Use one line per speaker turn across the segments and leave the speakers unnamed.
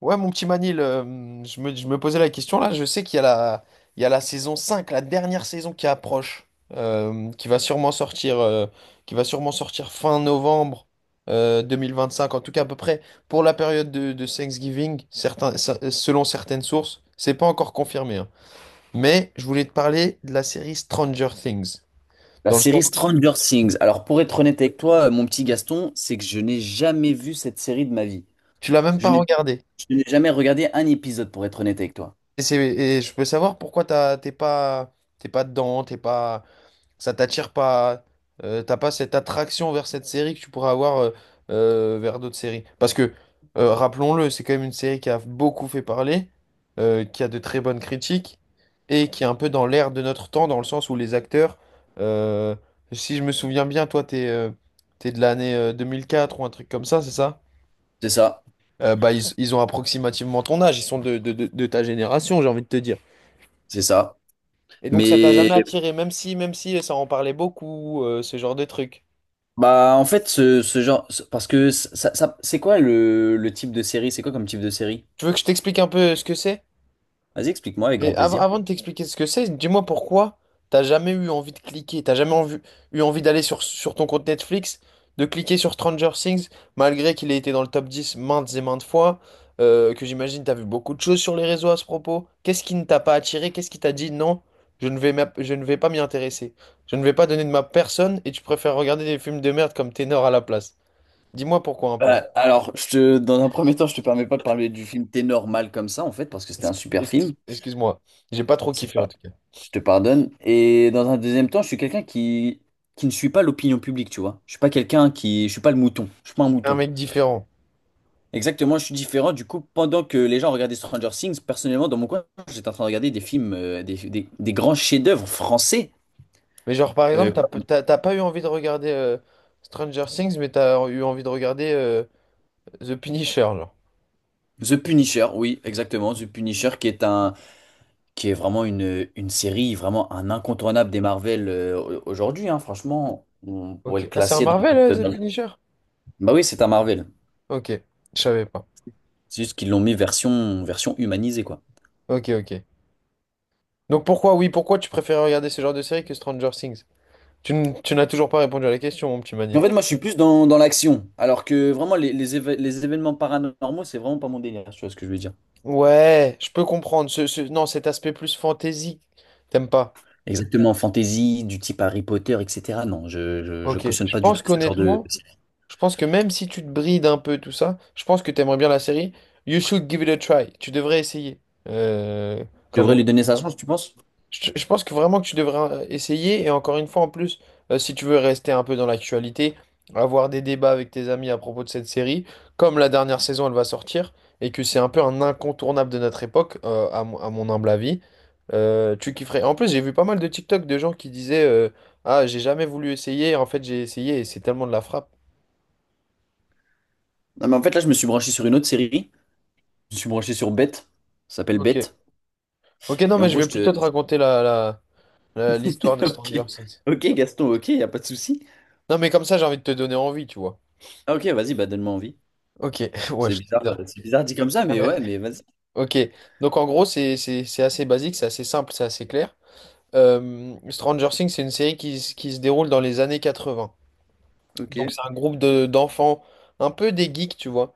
Ouais, mon petit Manil, je me posais la question là. Je sais qu'il y a la saison 5, la dernière saison qui approche, euh, qui va sûrement sortir, euh, qui va sûrement sortir fin novembre 2025, en tout cas à peu près pour la période de Thanksgiving, certains, selon certaines sources. C'est pas encore confirmé, hein. Mais je voulais te parler de la série Stranger Things,
La
dans le sens
série Stranger Things. Alors, pour être honnête avec toi, mon petit Gaston, c'est que je n'ai jamais vu cette série de ma vie.
tu l'as même
Je
pas
n'ai
regardée.
je n'ai jamais regardé un épisode, pour être honnête avec toi.
Et je peux savoir pourquoi t'es pas dedans, t'es pas. Ça t'attire pas, t'as pas cette attraction vers cette série que tu pourrais avoir vers d'autres séries. Parce que, rappelons-le, c'est quand même une série qui a beaucoup fait parler, qui a de très bonnes critiques, et qui est un peu dans l'air de notre temps, dans le sens où les acteurs, euh, si je me souviens bien, toi, t'es de l'année 2004 ou un truc comme ça, c'est ça?
C'est ça,
Bah, ils ont approximativement ton âge, ils sont de ta génération, j'ai envie de te dire.
c'est ça.
Et donc ça t'a
Mais,
jamais attiré, même si ça en parlait beaucoup, ce genre de truc.
bah, en fait, parce que c'est quoi le type de série? C'est quoi comme type de série?
Tu veux que je t'explique un peu ce que c'est?
Vas-y, explique-moi avec
Mais
grand plaisir.
avant de t'expliquer ce que c'est, dis-moi pourquoi t'as jamais eu envie de cliquer, t'as jamais envie- eu envie d'aller sur ton compte Netflix, de cliquer sur Stranger Things, malgré qu'il ait été dans le top 10 maintes et maintes fois, que j'imagine t'as vu beaucoup de choses sur les réseaux à ce propos. Qu'est-ce qui ne t'a pas attiré? Qu'est-ce qui t'a dit non, je ne vais pas m'y intéresser. Je ne vais pas donner de ma personne et tu préfères regarder des films de merde comme Ténor à la place. Dis-moi pourquoi un peu.
Alors, dans un premier temps, je te permets pas de parler du film T'es normal comme ça, en fait, parce que c'était un
Escu-
super
excuse-
film.
Excuse-moi, j'ai pas trop
C'est
kiffé en tout cas.
Je te pardonne. Et dans un deuxième temps, je suis quelqu'un qui ne suit pas l'opinion publique, tu vois. Je suis pas quelqu'un qui, je suis pas le mouton. Je suis pas un
T'es un
mouton.
mec différent.
Exactement, je suis différent. Du coup, pendant que les gens regardaient Stranger Things, personnellement, dans mon coin, j'étais en train de regarder des films, des grands chefs-d'œuvre français.
Mais genre, par
euh,
exemple, t'as pas eu envie de regarder Stranger Things, mais t'as eu envie de regarder The Punisher, genre.
Comme The Punisher, oui, exactement. The Punisher, qui est un, qui est vraiment une série, vraiment un incontournable des Marvel aujourd'hui, hein. Franchement, on pourrait le
Ok. Ah, c'est un
classer dans le
Marvel,
top,
The Punisher?
bah oui, c'est un Marvel.
Ok, je savais pas.
C'est juste qu'ils l'ont mis version, version humanisée, quoi.
Ok, ok. Donc pourquoi, oui, pourquoi tu préfères regarder ce genre de série que Stranger Things? Tu n'as toujours pas répondu à la question, mon petit
En
Mani.
fait, moi, je suis plus dans, dans l'action, alors que vraiment, les événements paranormaux, c'est vraiment pas mon délire, tu vois ce que je veux dire.
Ouais, je peux comprendre. Non, cet aspect plus fantasy, t'aimes pas.
Exactement, fantasy, du type Harry Potter, etc. Non, je
Ok.
cautionne
Je
pas du
pense
tout ce genre de...
qu'honnêtement,
Je
je pense que même si tu te brides un peu tout ça, je pense que t'aimerais bien la série. You should give it a try. Tu devrais essayer. Euh, comme
devrais
on-
lui donner sa chance, tu penses?
je pense que vraiment que tu devrais essayer. Et encore une fois, en plus, si tu veux rester un peu dans l'actualité, avoir des débats avec tes amis à propos de cette série, comme la dernière saison, elle va sortir, et que c'est un peu un incontournable de notre époque, à mon humble avis, tu kifferais. En plus, j'ai vu pas mal de TikTok de gens qui disaient Ah, j'ai jamais voulu essayer. En fait, j'ai essayé et c'est tellement de la frappe.
Non, mais en fait, là, je me suis branché sur une autre série. Je me suis branché sur Bête, ça s'appelle
Ok.
Bête.
Ok, non,
Et
mais
en
je
gros,
vais
je te...
plutôt te raconter l'histoire de
Ok,
Stranger Things.
ok, Gaston, ok, y a pas de souci.
Non, mais comme ça, j'ai envie de te donner envie, tu vois.
Ah, ok, vas-y, bah donne-moi envie.
Ok, ouais, je... bizarre.
C'est bizarre dit comme ça, mais
Ouais.
ouais, mais vas-y.
Ok, donc en gros, c'est assez basique, c'est assez simple, c'est assez clair. Stranger Things, c'est une série qui se déroule dans les années 80.
Ok,
Donc c'est un groupe d'enfants, un peu des geeks, tu vois,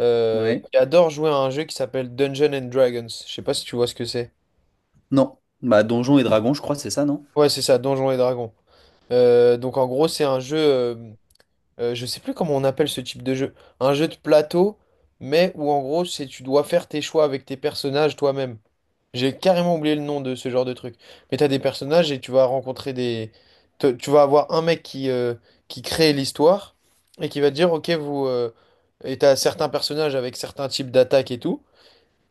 ouais.
qui adorent jouer à un jeu qui s'appelle Dungeons and Dragons. Je sais pas si tu vois ce que c'est.
Non, bah Donjons et Dragons, je crois, c'est ça, non?
Ouais, c'est ça, Donjons et Dragons. Donc en gros, c'est un jeu. Je sais plus comment on appelle ce type de jeu, un jeu de plateau, mais où en gros c'est tu dois faire tes choix avec tes personnages toi-même. J'ai carrément oublié le nom de ce genre de truc. Mais t'as des personnages et tu vas rencontrer tu vas avoir un mec qui crée l'histoire et qui va te dire ok vous et t'as certains personnages avec certains types d'attaques et tout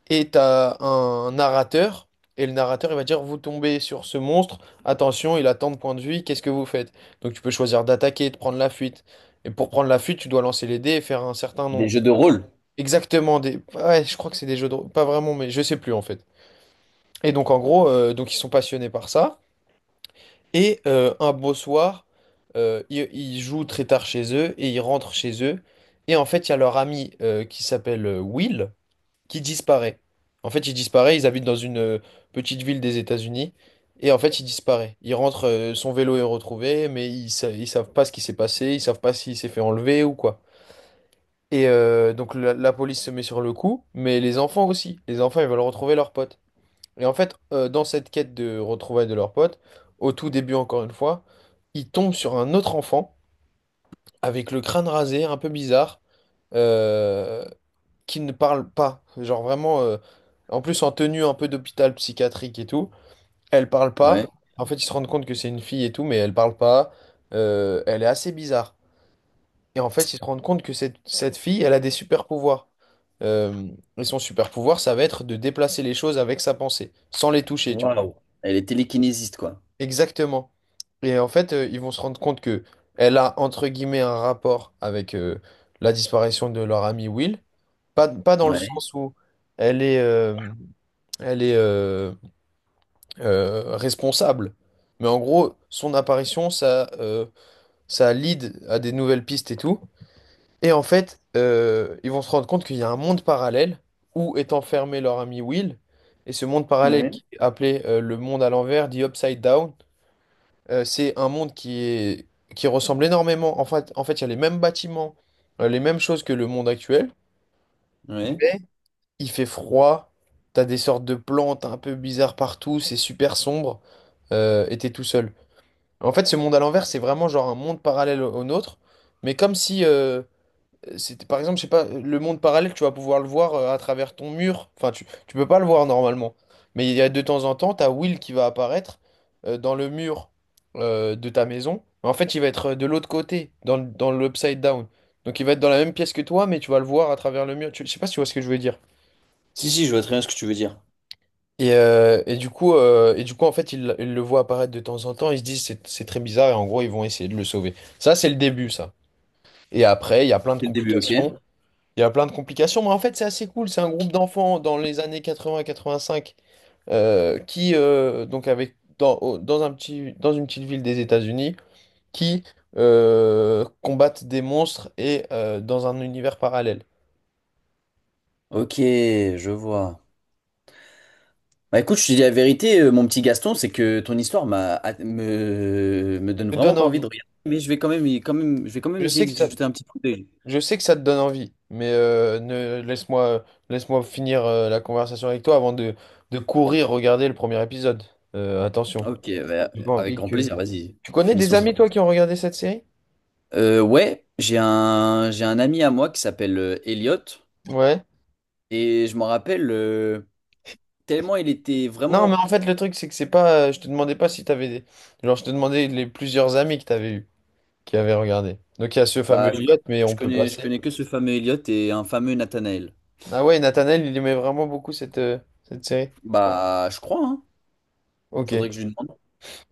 et t'as un narrateur, et le narrateur il va dire vous tombez sur ce monstre, attention, il a tant de points de vue, qu'est-ce que vous faites? Donc tu peux choisir d'attaquer, de prendre la fuite. Et pour prendre la fuite, tu dois lancer les dés et faire un certain
Des
nombre.
jeux de rôle.
Exactement des. Ouais, je crois que c'est des jeux de rôle. Pas vraiment, mais je sais plus en fait. Et donc en gros, donc ils sont passionnés par ça. Et un beau soir, ils jouent très tard chez eux et ils rentrent chez eux. Et en fait, il y a leur ami qui s'appelle Will qui disparaît. En fait, il disparaît, ils habitent dans une petite ville des États-Unis, et en fait, il disparaît. Il rentre, son vélo est retrouvé, mais ils savent pas ce qui s'est passé, ils savent pas s'il s'est fait enlever ou quoi. Et donc la police se met sur le coup, mais les enfants aussi. Les enfants, ils veulent retrouver leur pote. Et en fait, dans cette quête de retrouvailles de leur pote, au tout début encore une fois, ils tombent sur un autre enfant avec le crâne rasé, un peu bizarre, euh, qui ne parle pas. Genre vraiment, en plus en tenue un peu d'hôpital psychiatrique et tout, elle parle
Ouais.
pas. En fait, ils se rendent compte que c'est une fille et tout, mais elle parle pas. Elle est assez bizarre. Et en fait, ils se rendent compte que cette fille, elle a des super pouvoirs. Euh, et son super pouvoir, ça va être de déplacer les choses avec sa pensée, sans les toucher, tu vois.
Waouh. Elle est télékinésiste, quoi.
Exactement. Et en fait, ils vont se rendre compte que elle a entre guillemets un rapport avec la disparition de leur ami Will. Pas dans le
Ouais.
sens où elle est, euh, elle est responsable, mais en gros, son apparition, ça lead à des nouvelles pistes et tout. Et en fait, ils vont se rendre compte qu'il y a un monde parallèle où est enfermé leur ami Will. Et ce monde parallèle
Ouais.
qui est appelé le monde à l'envers, dit Upside Down. C'est un monde qui ressemble énormément. En fait, il y a les mêmes bâtiments, les mêmes choses que le monde actuel.
Ouais.
Mais il fait froid, t'as des sortes de plantes un peu bizarres partout, c'est super sombre, et t'es tout seul. En fait, ce monde à l'envers, c'est vraiment genre un monde parallèle au nôtre. Mais comme si, c'était, par exemple, je sais pas, le monde parallèle, tu vas pouvoir le voir à travers ton mur. Enfin, tu peux pas le voir normalement. Mais il y a de temps en temps, t'as Will qui va apparaître dans le mur de ta maison. Mais en fait, il va être de l'autre côté, dans l'upside down. Donc, il va être dans la même pièce que toi, mais tu vas le voir à travers le mur. Je sais pas si tu vois ce que je veux dire.
Si, si, je vois très bien ce que tu veux dire.
Et du coup, en fait, ils le voient apparaître de temps en temps. Ils se disent, c'est très bizarre. Et en gros, ils vont essayer de le sauver. Ça, c'est le début, ça. Et après, il y a plein de
C'est le début, ok?
complications. Il y a plein de complications, mais en fait, c'est assez cool. C'est un groupe d'enfants dans les années 80-85 qui, donc, avec, dans, au- dans une petite ville des États-Unis, qui combattent des monstres et dans un univers parallèle.
Ok, je vois. Bah écoute, je te dis la vérité, mon petit Gaston, c'est que ton histoire me donne
Ça te donne
vraiment pas envie
envie.
de regarder, mais je vais quand même, je vais quand même
Je
essayer
sais que
d'y
ça,
jeter un petit coup d'œil.
je sais que ça te donne envie, mais ne, laisse-moi finir la conversation avec toi avant de courir regarder le premier épisode. Attention.
Ok, bah,
J'ai pas
avec
envie
grand
que...
plaisir, vas-y,
Tu connais
finissons
des
cette
amis, toi, qui
conversation.
ont regardé cette série?
Ouais, j'ai un ami à moi qui s'appelle Elliot,
Ouais.
et je m'en rappelle tellement il était
Non, mais
vraiment...
en fait, le truc, c'est que c'est pas. Je te demandais pas si t'avais des. Genre, je te demandais les plusieurs amis que t'avais eu, qui avaient regardé. Donc, il y a ce fameux
Bah,
Elliot, mais on peut
je
passer.
connais que ce fameux Elliot et un fameux Nathanael.
Ah ouais, Nathanaël, il aimait vraiment beaucoup cette série.
Bah, je crois, hein.
Ok,
Faudrait que je lui demande.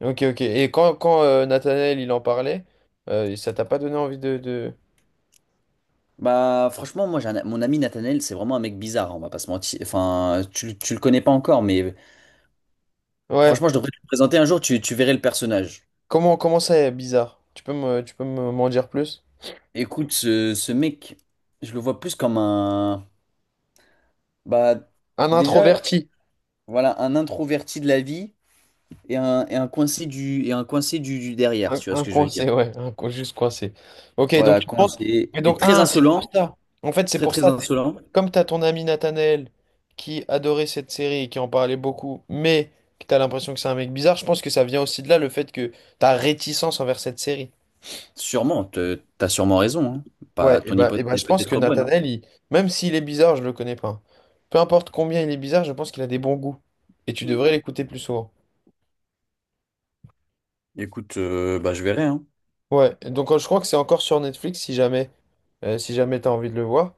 ok, ok. Et quand Nathanaël, il en parlait, ça t'a pas donné envie de...
Bah, franchement, moi, mon ami Nathanael, c'est vraiment un mec bizarre, hein, on va pas se mentir. Enfin, tu le connais pas encore, mais
Ouais.
franchement, je devrais te le présenter un jour, tu verrais le personnage.
Comment ça est bizarre? M'en dire plus?
Écoute, ce mec, je le vois plus comme un... Bah,
Un
déjà,
introverti.
voilà, un introverti de la vie et un coincé du derrière,
Un,
si tu vois ce
un
que je veux dire.
coincé, ouais, juste coincé. Ok, donc
Voilà,
tu penses.
coincé.
Et donc,
Et très
ah, c'est pour
insolent,
ça. En fait, c'est pour
très
ça.
insolent.
Comme tu as ton ami Nathanaël qui adorait cette série et qui en parlait beaucoup, mais que tu as l'impression que c'est un mec bizarre, je pense que ça vient aussi de là le fait que ta réticence envers cette série.
Sûrement, t'as sûrement raison, hein.
Ouais,
Pas,
et
Ton
bah, et
hypothèse
bah,
est
je pense que
peut-être bonne, hein.
Nathanaël, même s'il est bizarre, je le connais pas. Peu importe combien il est bizarre, je pense qu'il a des bons goûts. Et tu devrais l'écouter plus souvent.
Écoute, bah, je verrai, hein.
Ouais, et donc je crois que c'est encore sur Netflix si jamais t'as envie de le voir.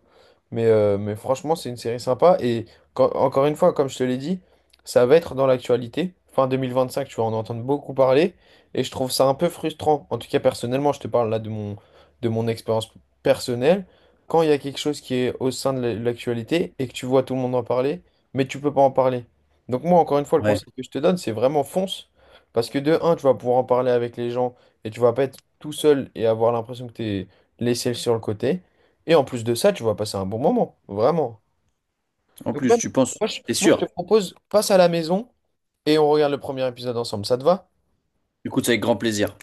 Mais franchement, c'est une série sympa. Et encore une fois, comme je te l'ai dit, ça va être dans l'actualité. Fin 2025, tu vas en entendre beaucoup parler. Et je trouve ça un peu frustrant. En tout cas, personnellement, je te parle là de mon expérience personnelle. Quand il y a quelque chose qui est au sein de l'actualité et que tu vois tout le monde en parler, mais tu peux pas en parler. Donc moi, encore une fois, le
Ouais.
conseil que je te donne, c'est vraiment fonce. Parce que de un, tu vas pouvoir en parler avec les gens et tu vas pas être tout seul et avoir l'impression que t'es laissé sur le côté. Et en plus de ça, tu vas passer un bon moment, vraiment.
En
Donc
plus,
même,
tu penses.
moi je,
T'es
moi, je te
sûr?
propose, passe à la maison et on regarde le premier épisode ensemble. Ça te va?
Écoute, c'est avec grand plaisir.